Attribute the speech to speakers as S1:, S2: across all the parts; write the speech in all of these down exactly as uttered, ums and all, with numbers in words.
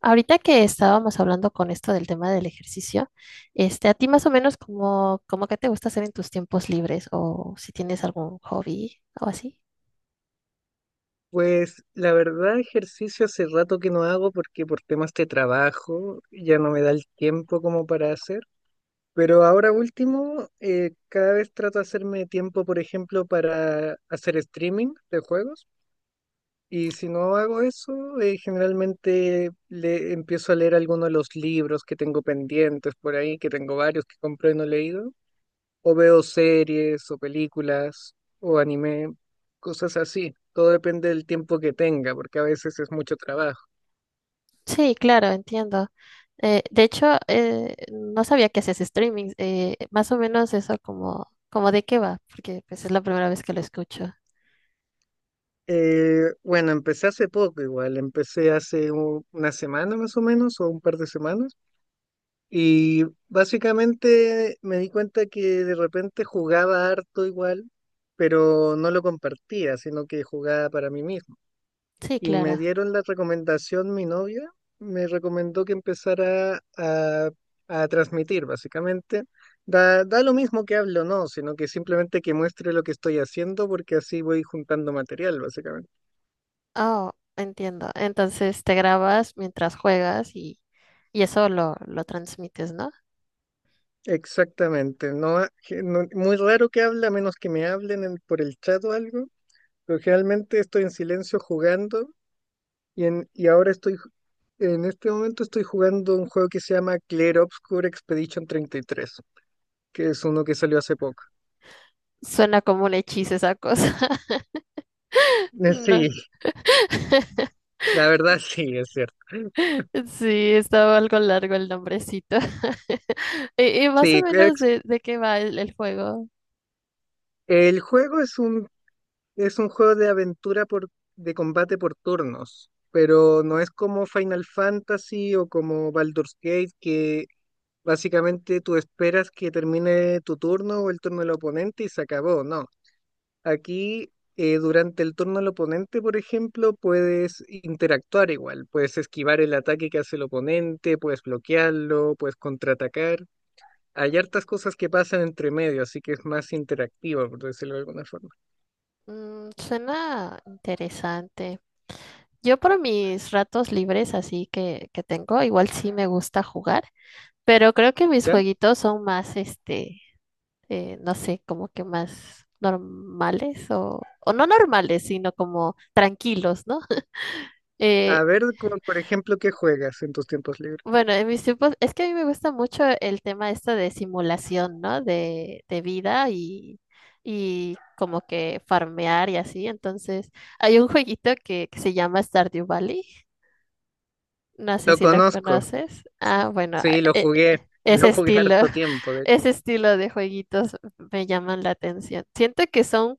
S1: Ahorita que estábamos hablando con esto del tema del ejercicio, este, a ti más o menos como, como qué te gusta hacer en tus tiempos libres o si tienes algún hobby o así.
S2: Pues la verdad, ejercicio hace rato que no hago porque por temas de trabajo ya no me da el tiempo como para hacer. Pero ahora último, eh, cada vez trato de hacerme tiempo, por ejemplo, para hacer streaming de juegos. Y si no hago eso, eh, generalmente le empiezo a leer algunos de los libros que tengo pendientes por ahí, que tengo varios que compré y no he leído o veo series o películas o anime, cosas así. Todo depende del tiempo que tenga, porque a veces es mucho trabajo.
S1: Sí, claro, entiendo. Eh, de hecho, eh, no sabía que haces streaming. Eh, más o menos eso como, como de qué va, porque pues es la primera vez que lo escucho.
S2: Eh, bueno, empecé hace poco igual, empecé hace u- una semana más o menos, o un par de semanas, y básicamente me di cuenta que de repente jugaba harto igual, pero no lo compartía, sino que jugaba para mí mismo.
S1: Sí,
S2: Y me
S1: claro.
S2: dieron la recomendación, mi novia me recomendó que empezara a, a transmitir, básicamente. Da, da lo mismo que hable o no, sino que simplemente que muestre lo que estoy haciendo, porque así voy juntando material, básicamente.
S1: Oh, entiendo. Entonces te grabas mientras juegas y, y eso lo, lo transmites, ¿no?
S2: Exactamente. No, ha- que no- muy raro que hable, a menos que me hablen en- por el chat o algo. Pero generalmente estoy en silencio jugando y, en, y ahora estoy, ju- en este momento estoy jugando un juego que se llama Clear Obscure Expedition treinta y tres, que es uno que salió hace poco.
S1: Suena como un hechizo esa cosa.
S2: Eh,
S1: No.
S2: Sí, la verdad sí, es cierto.
S1: Sí, estaba algo largo el nombrecito. ¿Y, y más o
S2: Sí,
S1: menos
S2: es-
S1: de, de qué va el, el juego?
S2: el juego es un, es un juego de aventura por, de combate por turnos, pero no es como Final Fantasy o como Baldur's Gate, que básicamente tú esperas que termine tu turno o el turno del oponente y se acabó, no. Aquí, eh, durante el turno del oponente, por ejemplo, puedes interactuar igual, puedes esquivar el ataque que hace el oponente, puedes bloquearlo, puedes contraatacar. Hay hartas cosas que pasan entre medio, así que es más interactiva, por decirlo de alguna forma.
S1: Mm, suena interesante. Yo por mis ratos libres así que, que tengo, igual sí me gusta jugar, pero creo que mis
S2: ¿Ya?
S1: jueguitos son más este eh, no sé, como que más normales o, o no normales, sino como tranquilos, ¿no? Eh,
S2: A ver, como, por ejemplo, ¿qué juegas en tus tiempos libres?
S1: bueno, en mis tiempos, es que a mí me gusta mucho el tema esto de simulación, ¿no? De, de vida y, y como que farmear y así. Entonces, hay un jueguito que, que se llama Stardew Valley. No sé
S2: Lo
S1: si lo
S2: conozco,
S1: conoces. Ah, bueno, a-
S2: sí, lo
S1: e-
S2: jugué,
S1: e- ese
S2: lo jugué
S1: estilo,
S2: harto tiempo, de hecho.
S1: ese estilo de jueguitos me llaman la atención. Siento que son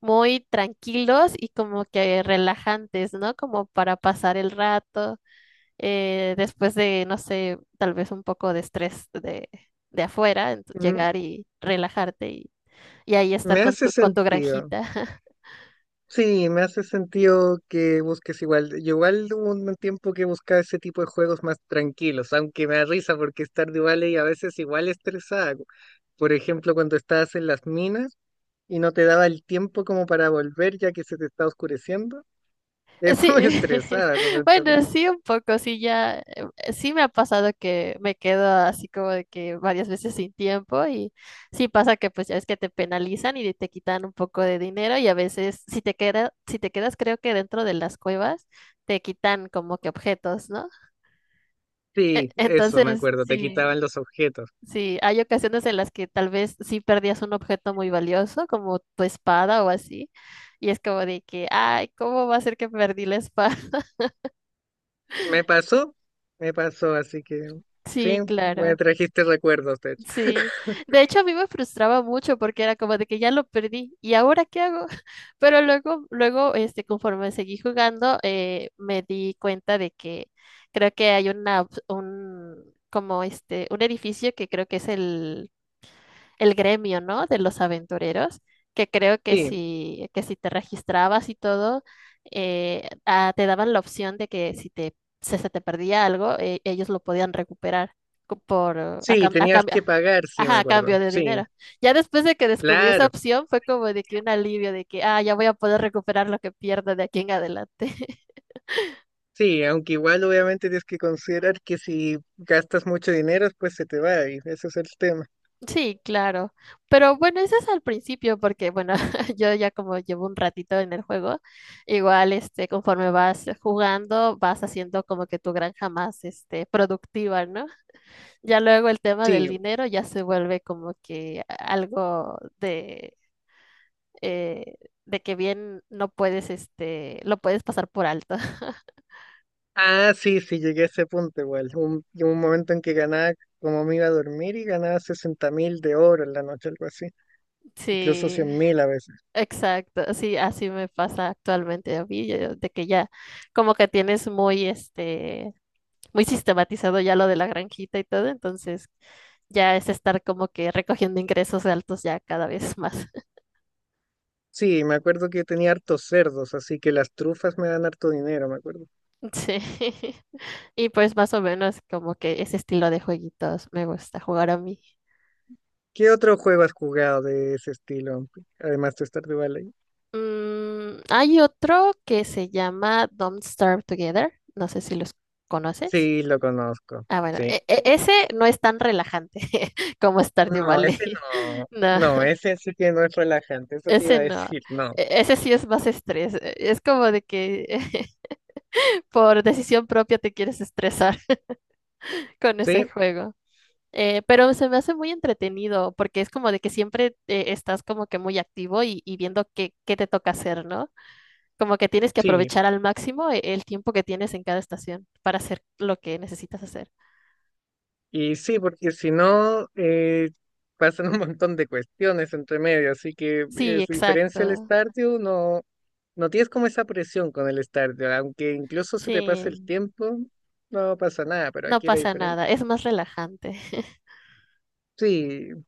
S1: muy tranquilos y como que relajantes, ¿no? Como para pasar el rato, eh, después de, no sé, tal vez un poco de estrés de, de afuera, ent-
S2: Mm.
S1: llegar y relajarte y, y ahí estar
S2: Me
S1: con
S2: hace
S1: tu, con tu
S2: sentido.
S1: granjita.
S2: Sí, me hace sentido que busques igual. Yo igual hubo un tiempo que buscaba ese tipo de juegos más tranquilos, aunque me da risa porque es tarde vale y a veces igual estresada. Por ejemplo, cuando estabas en las minas y no te daba el tiempo como para volver ya que se te estaba oscureciendo, eso
S1: Sí,
S2: me estresaba realmente a mí.
S1: bueno, sí, un poco, sí, ya, eh, sí me ha pasado que me quedo así como de que varias veces sin tiempo y sí pasa que pues ya es que te penalizan y te quitan un poco de dinero y a veces si te queda, si te quedas creo que dentro de las cuevas te quitan como que objetos, ¿no? E-
S2: Sí, eso me
S1: Entonces,
S2: acuerdo, te
S1: sí,
S2: quitaban los objetos.
S1: sí, hay ocasiones en las que tal vez sí perdías un objeto muy valioso como tu espada o así y es como de que, ay, ¿cómo va a ser que perdí la espada?
S2: Me pasó, me pasó, así que sí,
S1: Sí, claro.
S2: me trajiste recuerdos, de hecho.
S1: Sí, de hecho a mí me frustraba mucho porque era como de que ya lo perdí y ahora qué hago. Pero luego, luego, este, conforme seguí jugando, eh, me di cuenta de que creo que hay una, op- un, como este, un edificio que creo que es el el gremio, ¿no? De los aventureros, que creo que
S2: Sí,
S1: si, que si te registrabas y todo, eh, ah, te daban la opción de que si te, se, se te perdía algo, eh, ellos lo podían recuperar co- por, eh, a,
S2: sí,
S1: cam- a
S2: tenías
S1: cambio,
S2: que pagar, sí, me
S1: ajá, a cambio
S2: acuerdo.
S1: de
S2: Sí.
S1: dinero. Ya después de que descubrí esa
S2: Claro,
S1: opción, fue como de que un alivio de que, ah, ya voy a poder recuperar lo que pierdo de aquí en adelante.
S2: sí, aunque igual obviamente tienes que considerar que si gastas mucho dinero, pues se te va y ese es el tema.
S1: Sí, claro. Pero bueno, eso es al principio, porque bueno, yo ya como llevo un ratito en el juego, igual este, conforme vas jugando, vas haciendo como que tu granja más este, productiva, ¿no? Ya luego el tema del
S2: Sí,
S1: dinero ya se vuelve como que algo de, eh, de que bien no puedes, este, lo puedes pasar por alto.
S2: ah, sí, sí, llegué a ese punto igual. Un, llegó un momento en que ganaba, como me iba a dormir, y ganaba sesenta mil de oro en la noche, algo así, incluso
S1: Sí,
S2: cien mil a veces.
S1: exacto. Sí, así me pasa actualmente a mí, yo- de que ya como que tienes muy este muy sistematizado ya lo de la granjita y todo, entonces ya es estar como que recogiendo ingresos altos ya cada vez más.
S2: Sí, me acuerdo que tenía hartos cerdos, así que las trufas me dan harto dinero, me acuerdo.
S1: Sí. Y pues más o menos como que ese estilo de jueguitos me gusta jugar a mí.
S2: ¿Qué otro juego has jugado de ese estilo, además de Stardew Valley?
S1: Mm, hay otro que se llama Don't Starve Together. No sé si los conoces.
S2: Sí, lo conozco.
S1: Ah, bueno,
S2: Sí.
S1: e- e- ese no es tan relajante como Stardew
S2: No, ese
S1: Valley.
S2: no.
S1: No,
S2: No, ese sí que no es relajante, eso te iba
S1: ese
S2: a
S1: no.
S2: decir, no.
S1: E- Ese sí es más estrés. e, Es como de que por decisión propia te quieres estresar con ese
S2: Sí,
S1: juego. Eh, pero se me hace muy entretenido porque es como de que siempre eh, estás como que muy activo y, y viendo qué, qué te toca hacer, ¿no? Como que tienes que
S2: sí.
S1: aprovechar al máximo e- el tiempo que tienes en cada estación para hacer lo que necesitas hacer.
S2: Y sí, porque si no, eh, pasan un montón de cuestiones entre medio, así que
S1: Sí,
S2: es diferencia al
S1: exacto.
S2: Stardew, no, no tienes como esa presión con el Stardew, aunque incluso se te pase el
S1: Sí,
S2: tiempo, no pasa nada, pero
S1: no
S2: aquí era
S1: pasa nada.
S2: diferente.
S1: Es más relajante.
S2: Sí,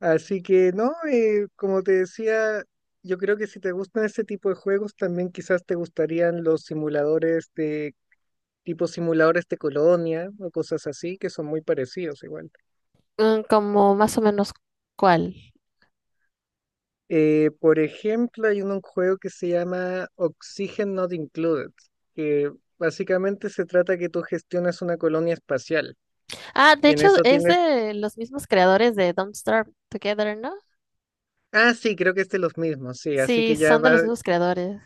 S2: así que no, eh, como te decía, yo creo que si te gustan ese tipo de juegos, también quizás te gustarían los simuladores de tipo simuladores de colonia o cosas así, que son muy parecidos igual.
S1: Mm, como más o menos cuál.
S2: Eh, por ejemplo, hay un juego que se llama Oxygen Not Included, que básicamente se trata que tú gestionas una colonia espacial
S1: Ah, de
S2: y en
S1: hecho
S2: eso
S1: es
S2: tienes...
S1: de los mismos creadores de Don't Starve Together, ¿no?
S2: Ah, sí, creo que es de los mismos, sí, así
S1: Sí,
S2: que ya
S1: son de los
S2: va...
S1: mismos creadores.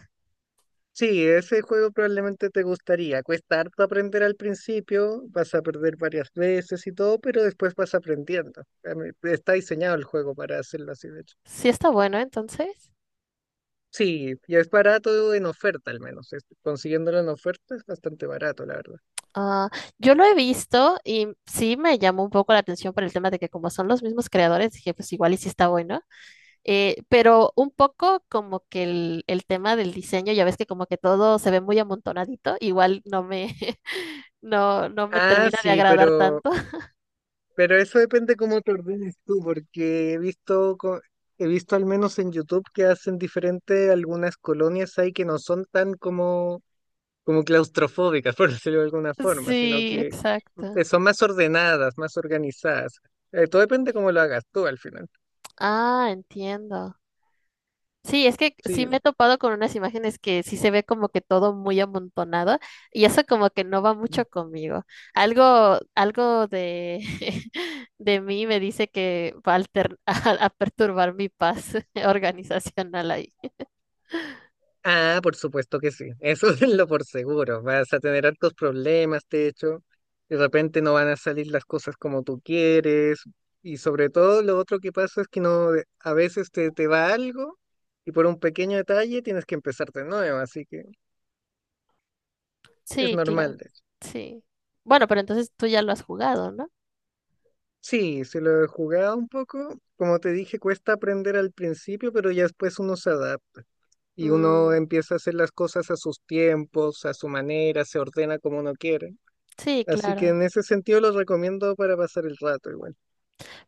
S2: Sí, ese juego probablemente te gustaría. Cuesta harto aprender al principio, vas a perder varias veces y todo, pero después vas aprendiendo. A mí- Está diseñado el juego para hacerlo así, de hecho.
S1: Sí está bueno, entonces.
S2: Sí, y es barato en oferta al menos. Es- consiguiéndolo en oferta es bastante barato, la verdad.
S1: Ah, yo lo he visto y sí me llamó un poco la atención por el tema de que como son los mismos creadores, dije, pues igual y sí está bueno. Eh, pero un poco como que el, el tema del diseño, ya ves que como que todo se ve muy amontonadito, igual no me, no, no me
S2: Ah,
S1: termina de
S2: sí,
S1: agradar
S2: pero,
S1: tanto.
S2: pero eso depende cómo te ordenes tú, porque he visto, co- he visto al menos en YouTube que hacen diferente algunas colonias ahí que no son tan como, como claustrofóbicas, por decirlo de alguna forma, sino
S1: Sí,
S2: que
S1: exacto.
S2: eh, son más ordenadas, más organizadas. Eh, todo depende cómo lo hagas tú al final.
S1: Ah, entiendo. Sí, es que sí
S2: Sí.
S1: me he topado con unas imágenes que sí se ve como que todo muy amontonado y eso como que no va mucho conmigo. Algo, algo de, de mí me dice que va a, alter- a- a perturbar mi paz organizacional ahí.
S2: Ah, por supuesto que sí, eso es lo por seguro. Vas a tener altos problemas, de hecho, de repente no van a salir las cosas como tú quieres y sobre todo lo otro que pasa es que no, de- a veces te, te va algo y por un pequeño detalle tienes que empezar de nuevo, así que es
S1: Sí, claro,
S2: normal, de hecho.
S1: sí. Bueno, pero entonces tú ya lo has jugado, ¿no?
S2: Sí, se lo he jugado un poco, como te dije, cuesta aprender al principio, pero ya después uno se adapta. Y uno
S1: Mm,
S2: empieza a hacer las cosas a sus tiempos, a su manera, se ordena como uno quiere.
S1: sí,
S2: Así que
S1: claro.
S2: en ese sentido los recomiendo para pasar el rato igual.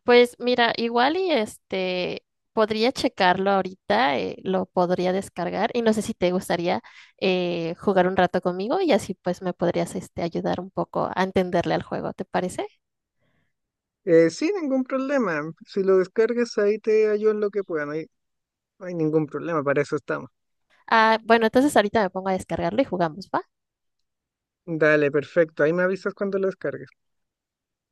S1: Pues mira, igual y este podría checarlo ahorita, eh, lo podría descargar y no sé si te gustaría eh, jugar un rato conmigo y así pues me podrías este ayudar un poco a entenderle al juego, ¿te parece?
S2: Eh, sin ningún problema. Si lo descargas ahí te ayudo en lo que pueda. No hay, no hay ningún problema. Para eso estamos.
S1: Ah, bueno, entonces ahorita me pongo a descargarlo y jugamos, ¿va?
S2: Dale, perfecto. Ahí me avisas cuando lo descargues.